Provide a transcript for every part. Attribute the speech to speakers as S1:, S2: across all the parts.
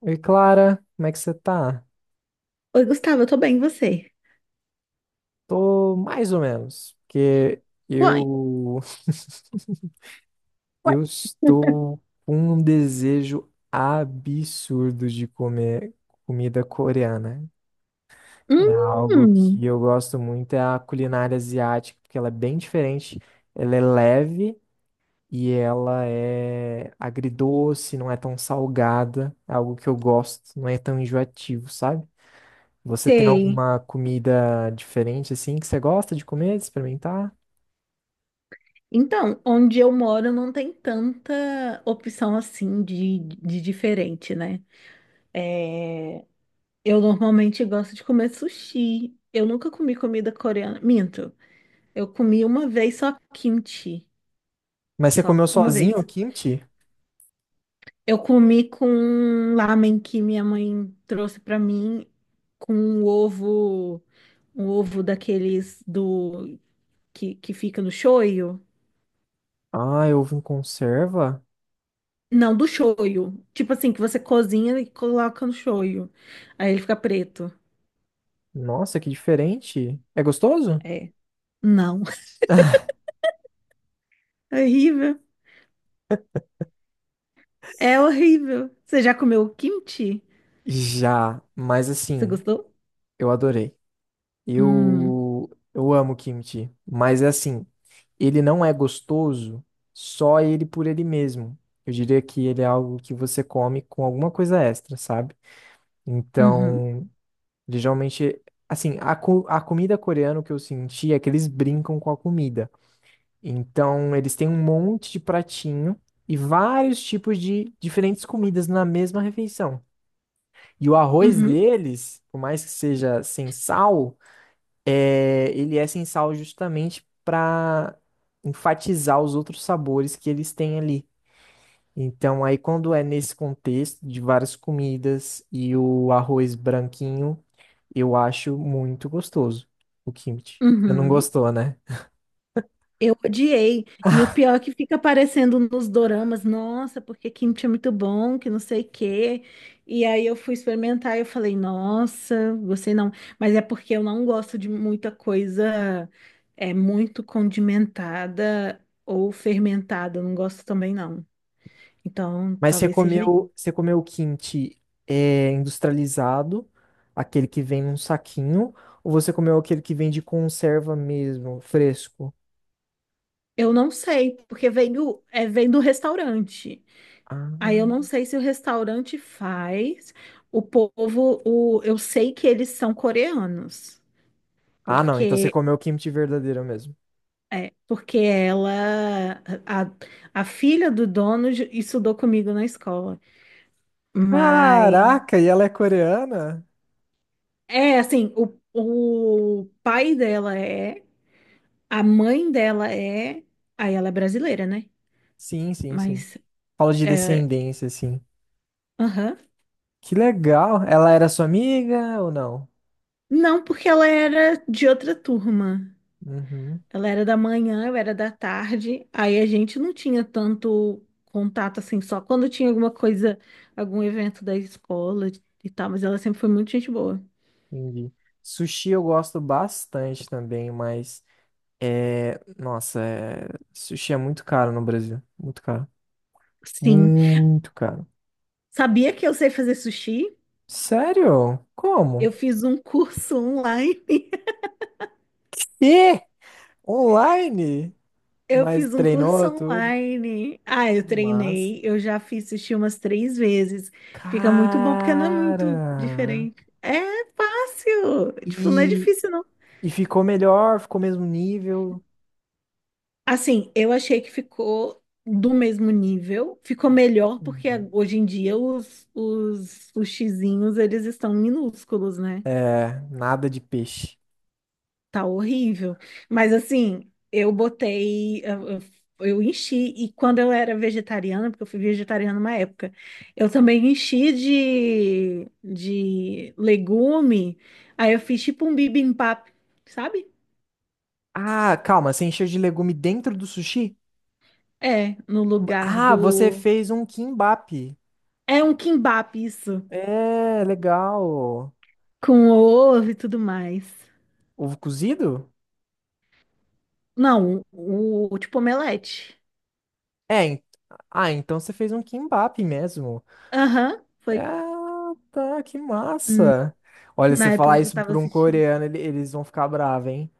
S1: Oi, Clara, como é que você tá?
S2: Oi, Gustavo, eu tô bem, e você?
S1: Tô mais ou menos, porque
S2: Uai.
S1: eu eu estou com um desejo absurdo de comer comida coreana. É algo
S2: Hum,
S1: que eu gosto muito, é a culinária asiática, porque ela é bem diferente, ela é leve e ela é agridoce, não é tão salgada, é algo que eu gosto, não é tão enjoativo, sabe? Você tem
S2: sei.
S1: alguma comida diferente assim que você gosta de comer, de experimentar?
S2: Então, onde eu moro não tem tanta opção assim de diferente, né? É, eu normalmente gosto de comer sushi. Eu nunca comi comida coreana. Minto, eu comi uma vez só kimchi.
S1: Mas você
S2: Só,
S1: comeu
S2: uma
S1: sozinho o
S2: vez.
S1: kimchi?
S2: Eu comi com ramen que minha mãe trouxe pra mim com um ovo daqueles do que fica no shoyu.
S1: Ah, eu ovo em conserva?
S2: Não, do shoyu. Tipo assim, que você cozinha e coloca no shoyu. Aí ele fica preto.
S1: Nossa, que diferente. É gostoso?
S2: É. Não. É horrível. É horrível. Você já comeu kimchi?
S1: Já, mas
S2: Você
S1: assim,
S2: gostou?
S1: eu adorei.
S2: Hum.
S1: Eu amo kimchi, mas é assim, ele não é gostoso só ele por ele mesmo. Eu diria que ele é algo que você come com alguma coisa extra, sabe?
S2: Uhum.
S1: Então, ele geralmente, assim, a comida coreana, o que eu senti é que eles brincam com a comida. Então, eles têm um monte de pratinho e vários tipos de diferentes comidas na mesma refeição. E o arroz
S2: Uhum.
S1: deles, por mais que seja sem sal, ele é sem sal justamente para enfatizar os outros sabores que eles têm ali. Então, aí quando é nesse contexto de várias comidas e o arroz branquinho, eu acho muito gostoso o kimchi. Você não
S2: Uhum.
S1: gostou, né?
S2: Eu odiei. E o pior é que fica aparecendo nos doramas, nossa, porque kimchi é muito bom, que não sei o quê. E aí eu fui experimentar e eu falei, nossa, gostei não. Mas é porque eu não gosto de muita coisa é muito condimentada ou fermentada, eu não gosto também não. Então,
S1: Mas
S2: talvez seja isso.
S1: você comeu o kimchi industrializado, aquele que vem num saquinho, ou você comeu aquele que vem de conserva mesmo, fresco?
S2: Eu não sei, porque vem do, vem do restaurante. Aí eu não
S1: Ah,
S2: sei se o restaurante faz. O povo, o, eu sei que eles são coreanos,
S1: ah, não, então você
S2: porque
S1: comeu o kimchi verdadeiro mesmo.
S2: porque ela, a, a filha do dono estudou comigo na escola. Mas
S1: Caraca, e ela é coreana?
S2: é assim, o pai dela é, a mãe dela é, aí ela é brasileira, né?
S1: Sim, sim, sim.
S2: Mas
S1: Fala de
S2: é,
S1: descendência, assim.
S2: aham.
S1: Que legal. Ela era sua amiga ou não?
S2: Não, porque ela era de outra turma.
S1: Uhum,
S2: Ela era da manhã, eu era da tarde. Aí a gente não tinha tanto contato assim, só quando tinha alguma coisa, algum evento da escola e tal, mas ela sempre foi muito gente boa.
S1: entendi. Sushi eu gosto bastante também, mas nossa, sushi é muito caro no Brasil, muito caro.
S2: Sim.
S1: Muito caro.
S2: Sabia que eu sei fazer sushi?
S1: Sério?
S2: Eu
S1: Como?
S2: fiz um curso online.
S1: E online?
S2: Eu
S1: Mas
S2: fiz um curso
S1: treinou tudo.
S2: online. Ah, eu
S1: Mas,
S2: treinei. Eu já fiz sushi umas três vezes. Fica muito bom, porque não é
S1: cara.
S2: muito diferente. É fácil. Tipo, não é
S1: E
S2: difícil.
S1: E ficou melhor, ficou mesmo nível.
S2: Assim, eu achei que ficou do mesmo nível, ficou melhor porque hoje em dia os sushizinhos, eles estão minúsculos, né?
S1: É nada de peixe.
S2: Tá horrível. Mas assim, eu botei, eu enchi, e quando eu era vegetariana, porque eu fui vegetariana uma época, eu também enchi de legume, aí eu fiz tipo um bibimbap, sabe?
S1: Ah, calma, você encheu de legume dentro do sushi?
S2: É, no lugar
S1: Ah, você
S2: do...
S1: fez um kimbap.
S2: É um kimbap isso.
S1: É, legal.
S2: Com ovo e tudo mais.
S1: Ovo cozido?
S2: Não, o tipo omelete.
S1: É, en- ah, então você fez um kimbap mesmo.
S2: Aham, foi.
S1: Ah, tá, que
S2: Hum.
S1: massa. Olha, você
S2: Na época
S1: falar
S2: que eu
S1: isso
S2: tava
S1: pra um
S2: assistindo.
S1: coreano, ele- eles vão ficar bravos, hein?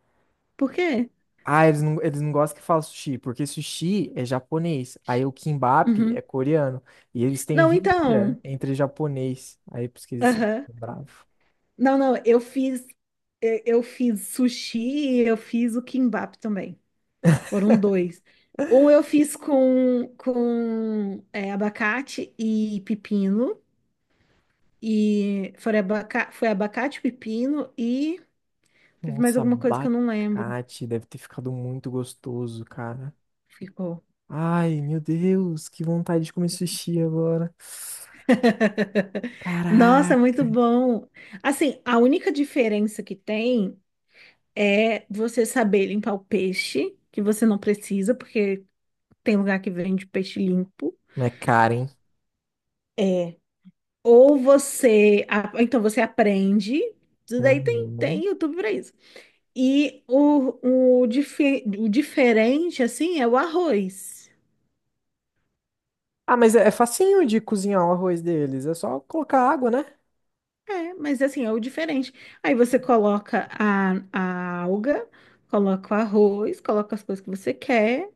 S2: Por quê?
S1: Ah, eles não gostam que fala sushi, porque sushi é japonês. Aí o kimbap é
S2: Uhum.
S1: coreano. E eles têm
S2: Não,
S1: rixa
S2: então.
S1: entre japonês. Aí por isso que eles
S2: Aham.
S1: ficam bravos.
S2: Não, não, eu fiz. Eu fiz sushi, eu fiz o kimbap também. Foram dois. Um eu fiz com, com abacate e pepino. E foi, abaca, foi abacate, pepino e teve mais
S1: Nossa,
S2: alguma coisa que eu não lembro.
S1: abacate. Deve ter ficado muito gostoso, cara.
S2: Ficou.
S1: Ai, meu Deus, que vontade de comer sushi agora.
S2: Nossa,
S1: Caraca.
S2: muito bom. Assim, a única diferença que tem é você saber limpar o peixe, que você não precisa, porque tem lugar que vende peixe limpo.
S1: Não é caro, hein?
S2: É. Ou você, então você aprende, isso daí tem,
S1: Uhum.
S2: tem YouTube para isso. E o, o diferente, assim, é o arroz.
S1: Ah, mas é facinho de cozinhar o arroz deles. É só colocar água, né?
S2: É, mas assim, é o diferente. Aí você coloca a alga, coloca o arroz, coloca as coisas que você quer,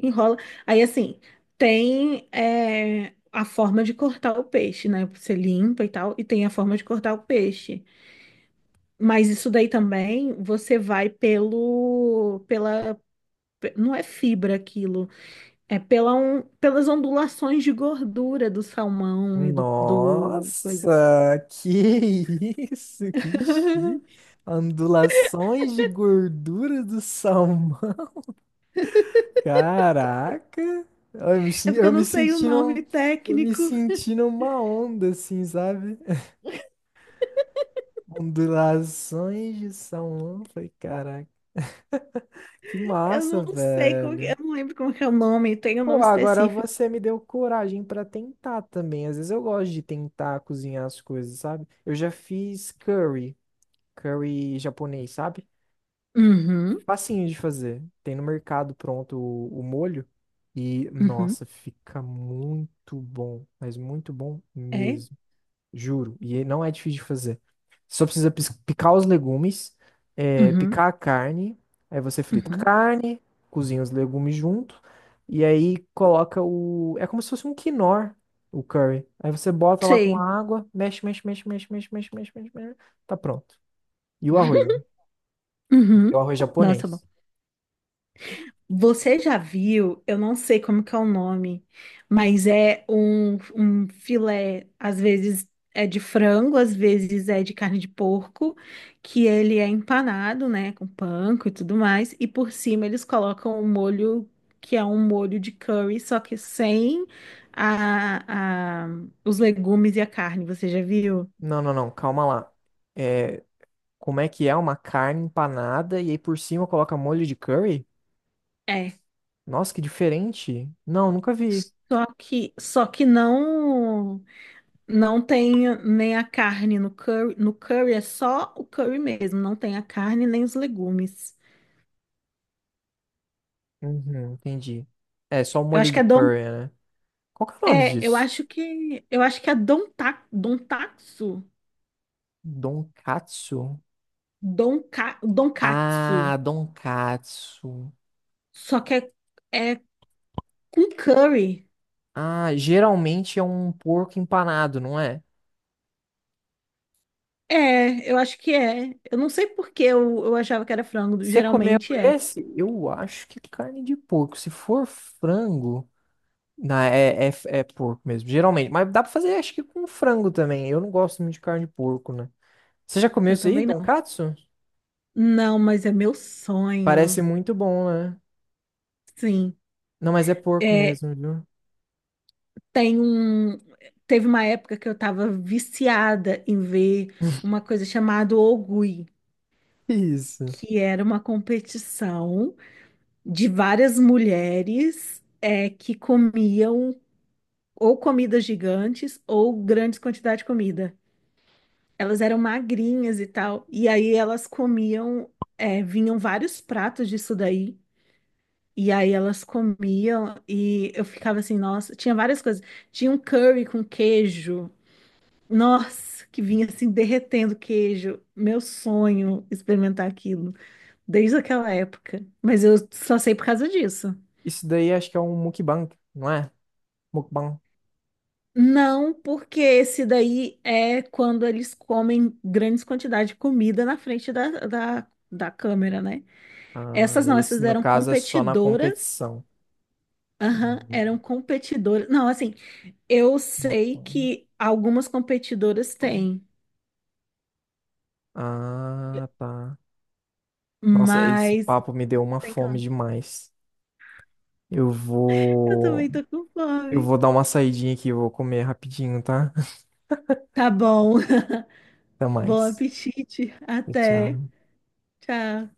S2: enrola. Aí assim, tem a forma de cortar o peixe, né? Você limpa e tal, e tem a forma de cortar o peixe. Mas isso daí também você vai pelo, pela, não é fibra aquilo, é pelas ondulações de gordura do salmão e do, do coisa.
S1: Nossa, que isso, que chique. Ondulações de gordura do salmão. Caraca.
S2: É porque
S1: Eu
S2: eu
S1: me
S2: não sei o
S1: senti num,
S2: nome
S1: eu me
S2: técnico.
S1: senti numa onda, assim, sabe? Ondulações de salmão. Falei, caraca, que
S2: Eu
S1: massa,
S2: não sei como que,
S1: velho.
S2: eu não lembro como que é o nome, tem um nome
S1: Pô, agora
S2: específico.
S1: você me deu coragem pra tentar também. Às vezes eu gosto de tentar cozinhar as coisas, sabe? Eu já fiz curry. Curry japonês, sabe?
S2: Uhum,
S1: Facinho de fazer. Tem no mercado pronto o molho. E,
S2: uhum,
S1: nossa, fica muito bom. Mas muito bom
S2: é,
S1: mesmo. Juro. E ele não é difícil de fazer. Picar os legumes,
S2: uhum,
S1: picar a carne. Aí você frita a
S2: uhum,
S1: carne, cozinha os legumes junto. E aí coloca o. É como se fosse um quinor, o curry. Aí você bota lá com
S2: sei.
S1: água, mexe, mexe, mexe, mexe, mexe, mexe, mexe, mexe, mexe. Tá pronto. E o arroz, né? É o
S2: Uhum.
S1: arroz
S2: Nossa, bom.
S1: japonês.
S2: Você já viu, eu não sei como que é o nome, mas é um, um filé, às vezes é de frango, às vezes é de carne de porco, que ele é empanado, né, com panko e tudo mais, e por cima eles colocam um molho que é um molho de curry, só que sem a, os legumes e a carne, você já viu?
S1: Não, não, não, calma lá. É, como é que é uma carne empanada e aí por cima coloca molho de curry?
S2: É.
S1: Nossa, que diferente. Não, nunca vi.
S2: Só que não. Não tem nem a carne no curry. No curry é só o curry mesmo, não tem a carne nem os legumes.
S1: Uhum, entendi. É, só o
S2: Eu
S1: molho
S2: acho que
S1: do
S2: é don,
S1: curry, né? Qual que é o nome
S2: é,
S1: disso?
S2: eu acho que é donta, dontatsu,
S1: Donkatsu?
S2: donka, donkatsu.
S1: Ah, donkatsu.
S2: Só que é, é com curry.
S1: Ah, geralmente é um porco empanado, não é?
S2: É, eu acho que é. Eu não sei por que eu achava que era frango,
S1: Você comeu
S2: geralmente é.
S1: esse? Eu acho que é carne de porco. Se for frango. Não, é, é, é porco mesmo, geralmente. Mas dá pra fazer, acho que com frango também. Eu não gosto muito de carne de porco, né? Você já comeu
S2: Eu
S1: isso aí,
S2: também não.
S1: Donkatsu?
S2: Não, mas é meu
S1: Parece
S2: sonho.
S1: muito bom, né?
S2: Sim.
S1: Não, mas é porco
S2: É.
S1: mesmo, viu?
S2: Tem um. Teve uma época que eu estava viciada em ver uma coisa chamada Ogui,
S1: Isso.
S2: que era uma competição de várias mulheres que comiam ou comidas gigantes ou grandes quantidades de comida. Elas eram magrinhas e tal, e aí elas comiam, vinham vários pratos disso daí. E aí elas comiam e eu ficava assim, nossa, tinha várias coisas. Tinha um curry com queijo. Nossa, que vinha assim derretendo queijo. Meu sonho experimentar aquilo desde aquela época. Mas eu só sei por causa disso.
S1: Isso daí acho que é um mukbang, não é? Mukbang.
S2: Não, porque esse daí é quando eles comem grandes quantidades de comida na frente da câmera, né?
S1: Ah,
S2: Essas não,
S1: esse
S2: essas
S1: no
S2: eram
S1: caso é só na
S2: competidoras.
S1: competição.
S2: Aham, eram competidoras. Não, assim, eu sei
S1: Mukbang.
S2: que algumas competidoras têm,
S1: Ah, tá. Nossa, esse
S2: mas
S1: papo me deu uma
S2: tem que...
S1: fome demais. Eu
S2: Eu
S1: vou,
S2: também tô com
S1: eu
S2: fome.
S1: vou dar uma saidinha aqui, eu vou comer rapidinho, tá?
S2: Tá bom.
S1: Até
S2: Bom
S1: mais.
S2: apetite.
S1: Tchau,
S2: Até.
S1: tchau.
S2: Tchau.